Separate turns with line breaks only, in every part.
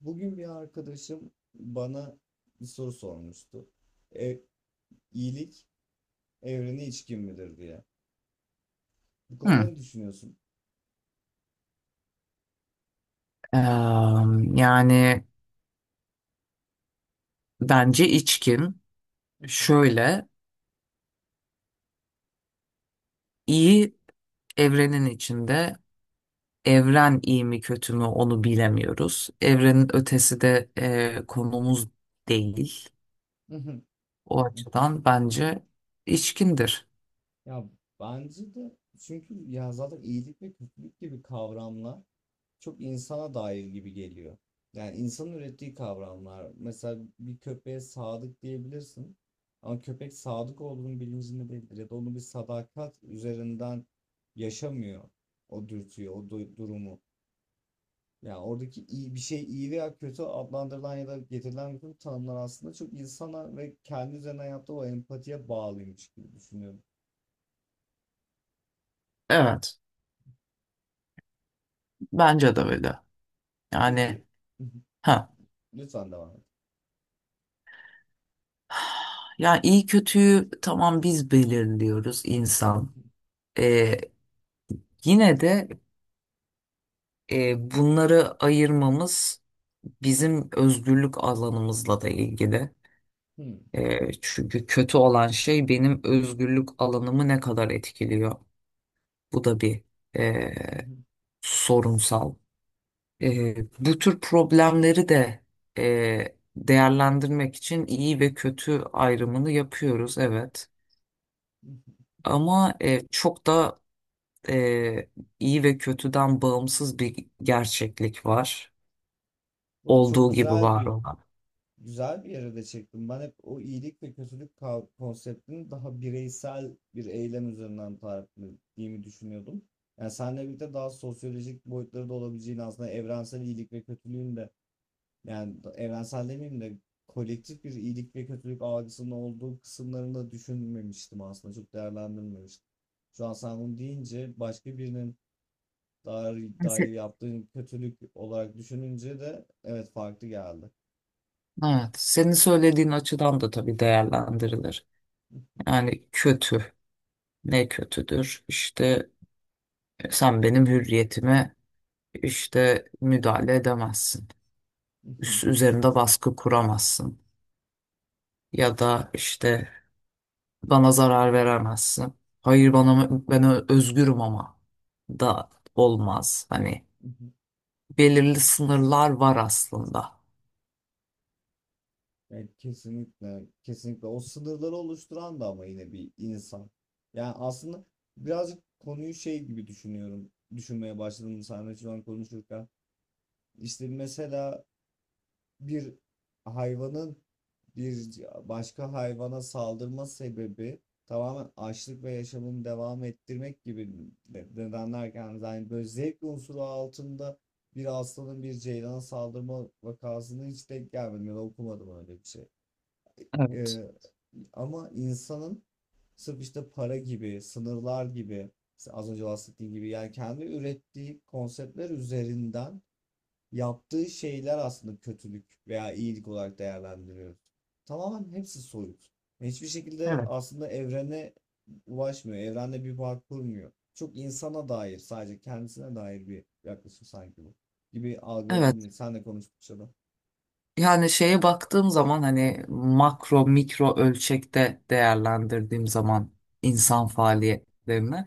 Bugün bir arkadaşım bana bir soru sormuştu. E, iyilik evrene içkin midir diye. Bu konuda
Hı.
ne düşünüyorsun?
Eee, yani bence içkin, şöyle, iyi evrenin içinde, evren iyi mi kötü mü onu bilemiyoruz. Evrenin ötesi de konumuz değil. O açıdan bence içkindir.
Ya bence de, çünkü ya zaten iyilik ve kötülük gibi kavramlar çok insana dair gibi geliyor. Yani insanın ürettiği kavramlar. Mesela bir köpeğe sadık diyebilirsin. Ama köpek sadık olduğunun bilincinde değildir, ya da onu bir sadakat üzerinden yaşamıyor o dürtüyü, durumu. Yani oradaki iyi bir şey, iyi veya kötü adlandırılan ya da getirilen bütün tanımlar aslında çok insana ve kendi üzerinden yaptığı o empatiye bağlıymış gibi düşünüyorum.
Evet, bence de öyle. Yani
Peki,
ha.
lütfen devam et.
Yani iyi kötüyü, tamam, biz belirliyoruz, insan. Eee, yine de bunları ayırmamız bizim özgürlük alanımızla da ilgili.
Hmm.
E, çünkü kötü olan şey benim özgürlük alanımı ne kadar etkiliyor. Bu da bir e, sorunsal. E, bu tür problemleri de değerlendirmek için iyi ve kötü ayrımını yapıyoruz, evet. Ama çok da e, iyi ve kötüden bağımsız bir gerçeklik var.
Burada çok
Olduğu gibi
güzel
var
bir
olan.
güzel bir yere de çektim. Ben hep o iyilik ve kötülük konseptini daha bireysel bir eylem üzerinden tarif ettiğimi düşünüyordum. Yani seninle birlikte daha sosyolojik boyutları da olabileceğini, aslında evrensel iyilik ve kötülüğün de. Yani evrensel demeyeyim de, kolektif bir iyilik ve kötülük algısının olduğu kısımlarını da düşünmemiştim aslında. Çok değerlendirmemiştim. Şu an sen bunu deyince başka birinin dair
Yani
yaptığın kötülük olarak düşününce de evet, farklı geldi.
evet, senin söylediğin açıdan da tabii değerlendirilir. Yani kötü, ne kötüdür? İşte sen benim hürriyetime işte müdahale edemezsin. Üzerinde baskı kuramazsın. Ya da işte bana zarar veremezsin. Hayır, bana ben özgürüm ama da olmaz. Hani belirli sınırlar var aslında.
Yani kesinlikle, kesinlikle o sınırları oluşturan da ama yine bir insan. Yani aslında birazcık konuyu şey gibi düşünüyorum. Düşünmeye başladım seninle şu an konuşurken. İşte mesela bir hayvanın bir başka hayvana saldırma sebebi tamamen açlık ve yaşamını devam ettirmek gibi nedenlerken, yani böyle zevk unsuru altında bir aslanın bir ceylana saldırma vakasını hiç denk gelmedim ya da okumadım öyle bir şey.
Evet.
Ee, Ama insanın sırf işte para gibi, sınırlar gibi, az önce bahsettiğim gibi yani kendi ürettiği konseptler üzerinden yaptığı şeyler aslında kötülük veya iyilik olarak değerlendiriyoruz. Tamamen hepsi soyut. Hiçbir şekilde
Evet.
aslında evrene ulaşmıyor. Evrende bir bağ kurmuyor. Çok insana dair, sadece kendisine dair bir yaklaşım sanki bu. Gibi
Evet.
algıladım. Senle konuştukça da.
Yani şeye baktığım zaman, hani makro mikro ölçekte değerlendirdiğim zaman insan faaliyetlerini,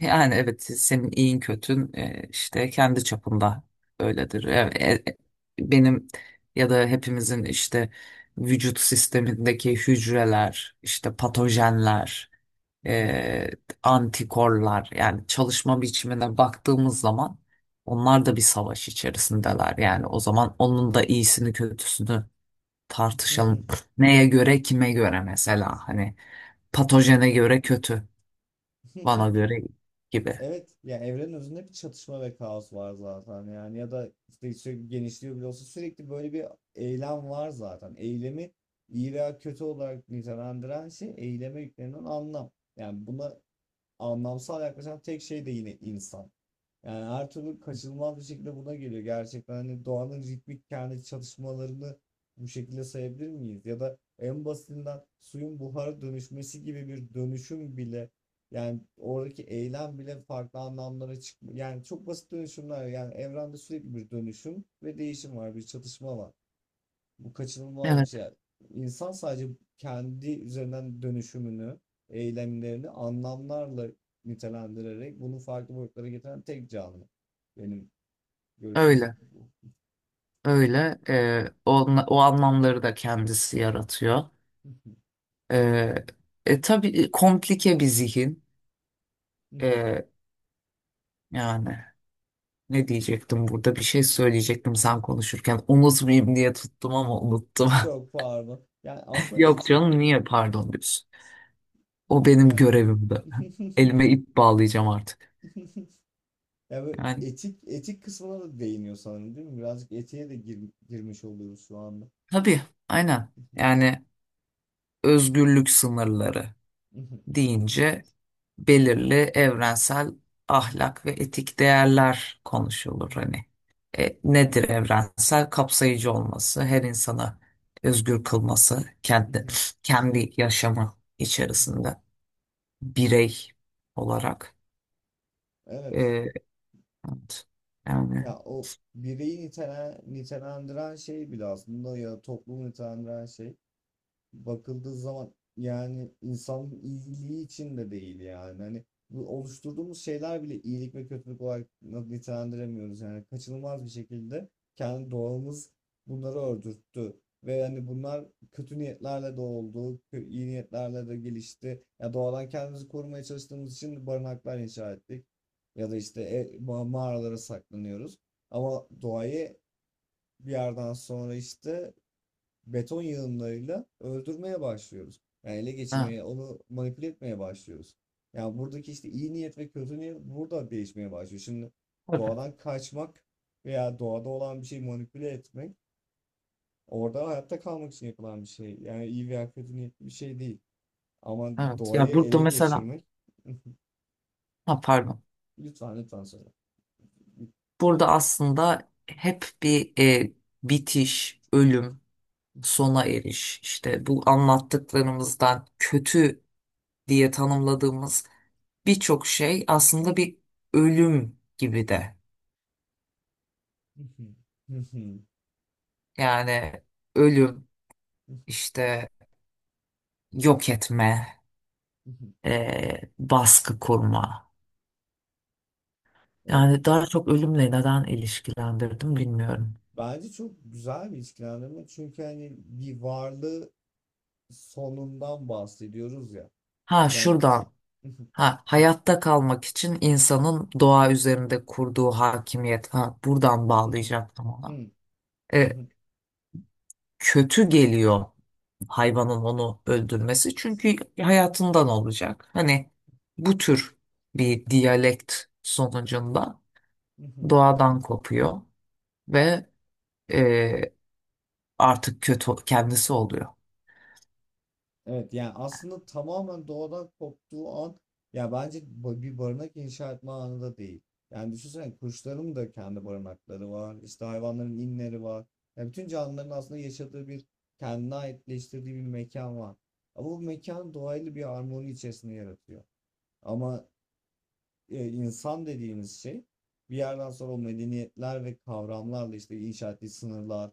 yani evet, senin iyin kötün işte kendi çapında öyledir. Benim ya da hepimizin işte vücut sistemindeki hücreler, işte patojenler, e, antikorlar, yani çalışma biçimine baktığımız zaman onlar da bir savaş içerisindeler. Yani o zaman onun da iyisini kötüsünü tartışalım. Neye göre, kime göre, mesela hani patojene göre kötü. Bana göre gibi.
Evet, ya evrenin özünde bir çatışma ve kaos var zaten, yani ya da işte sürekli genişliyor bile olsa sürekli böyle bir eylem var zaten. Eylemi iyi veya kötü olarak nitelendiren şey, eyleme yüklenen anlam. Yani buna anlamsal yaklaşan tek şey de yine insan. Yani her türlü kaçınılmaz bir şekilde buna geliyor. Gerçekten hani doğanın ritmik kendi çalışmalarını bu şekilde sayabilir miyiz? Ya da en basitinden suyun buhara dönüşmesi gibi bir dönüşüm bile, yani oradaki eylem bile farklı anlamlara çıkmıyor. Yani çok basit dönüşümler, yani evrende sürekli bir dönüşüm ve değişim var, bir çatışma var. Bu kaçınılmaz bir
Evet,
şey. Yani. İnsan sadece kendi üzerinden dönüşümünü, eylemlerini anlamlarla nitelendirerek bunu farklı boyutlara getiren tek canlı. Benim görüşüm
öyle,
bu.
öyle. O, o anlamları da kendisi yaratıyor. Ee, tabii, komplike bir zihin. Ee, yani ne diyecektim burada? Bir şey söyleyecektim sen konuşurken. Unutmayayım diye tuttum ama unuttum.
Çok pardon. Yani aslında
Yok
etik,
canım, niye pardon diyorsun? O benim
yani
görevimdi. Elime ip bağlayacağım artık.
yani böyle
Yani
etik kısmına da değiniyor sanırım, değil mi? Birazcık etiğe de girmiş oluyoruz şu anda.
tabii, aynen. Yani özgürlük sınırları deyince belirli evrensel ahlak ve etik değerler konuşulur. Hani nedir evrensel? Kapsayıcı olması, her insana özgür kılması, kendi yaşamı içerisinde birey olarak.
Evet.
E, evet. Yani
Ya o bireyi nitelendiren şey bile, aslında ya toplumu nitelendiren şey bakıldığı zaman, yani insanın iyiliği için de değil yani. Hani bu oluşturduğumuz şeyler bile iyilik ve kötülük olarak nitelendiremiyoruz. Yani kaçınılmaz bir şekilde kendi doğamız bunları öldürttü. Ve hani bunlar kötü niyetlerle de oldu, iyi niyetlerle de gelişti. Ya doğadan kendimizi korumaya çalıştığımız için barınaklar inşa ettik. Ya da işte mağaralara saklanıyoruz. Ama doğayı bir yerden sonra işte beton yığınlarıyla öldürmeye başlıyoruz. Yani ele
evet,
geçirmeye, onu manipüle etmeye başlıyoruz. Yani buradaki işte iyi niyet ve kötü niyet burada değişmeye başlıyor. Şimdi
evet,
doğadan kaçmak veya doğada olan bir şeyi manipüle etmek, orada hayatta kalmak için yapılan bir şey. Yani iyi veya kötü niyetli bir şey değil. Ama
evet. Ya
doğayı
burada
ele
mesela,
geçirmek.
ha, pardon.
Lütfen lütfen söyle.
Burada aslında hep bir bitiş, ölüm, sona eriş, işte bu anlattıklarımızdan kötü diye tanımladığımız birçok şey aslında bir ölüm gibi de. Yani ölüm, işte yok etme, baskı kurma.
Evet.
Yani daha çok ölümle neden ilişkilendirdim bilmiyorum.
Bence çok güzel bir ilişkilendirme, çünkü hani bir varlığı sonundan bahsediyoruz ya.
Ha,
Yani
şuradan. Ha, hayatta kalmak için insanın doğa üzerinde kurduğu hakimiyet. Ha, buradan bağlayacaktım ona. E, kötü geliyor hayvanın onu öldürmesi, çünkü hayatından olacak. Hani bu tür bir diyalekt sonucunda doğadan kopuyor ve e, artık kötü kendisi oluyor.
evet, yani aslında tamamen doğadan koptuğu an, ya bence bir barınak inşa etme anı da değil. Yani düşünsene, kuşların da kendi barınakları var, işte hayvanların inleri var. Ya bütün canlıların aslında yaşadığı bir, kendine aitleştirdiği bir mekan var. Ama bu mekan doğayla bir harmoni içerisinde yaratıyor. Ama insan dediğimiz şey bir yerden sonra o medeniyetler ve kavramlarla işte inşa ettiği sınırlar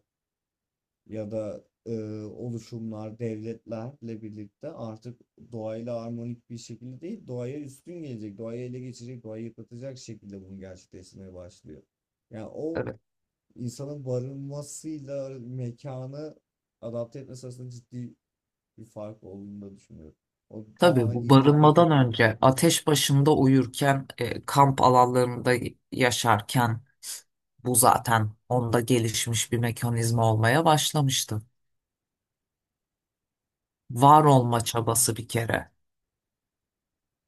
ya da oluşumlar, devletlerle birlikte artık doğayla harmonik bir şekilde değil, doğaya üstün gelecek, doğayı ele geçirecek, doğayı yıpratacak şekilde bunu gerçekleştirmeye başlıyor. Yani o
Evet.
insanın barınmasıyla mekanı adapte etmesi arasında ciddi bir fark olduğunu da düşünüyorum. O
Tabii
tamamen
bu
iyilik ve
barınmadan
kötülük.
önce ateş başında uyurken, kamp alanlarında yaşarken bu zaten onda gelişmiş bir mekanizma olmaya başlamıştı. Var
Peki.
olma çabası bir kere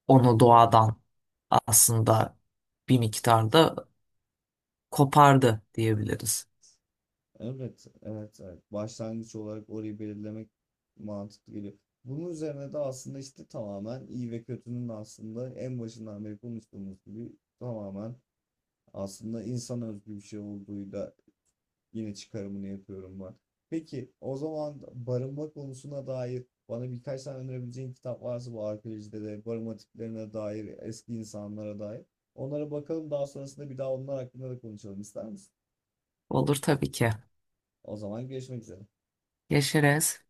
onu
Evet.
doğadan aslında bir miktarda kopardı diyebiliriz.
Evet, evet, evet, Başlangıç olarak orayı belirlemek mantıklı geliyor. Bunun üzerine de aslında işte tamamen iyi ve kötünün, aslında en başından beri konuştuğumuz gibi, tamamen aslında insan özgü bir şey olduğuyla yine çıkarımını yapıyorum ben. Peki o zaman, barınma konusuna dair bana birkaç tane önerebileceğin kitap varsa, bu arkeolojide de barınma tiplerine dair, eski insanlara dair. Onlara bakalım, daha sonrasında bir daha onlar hakkında da konuşalım, ister misin?
Olur tabii ki.
O zaman görüşmek üzere.
Yaşarız.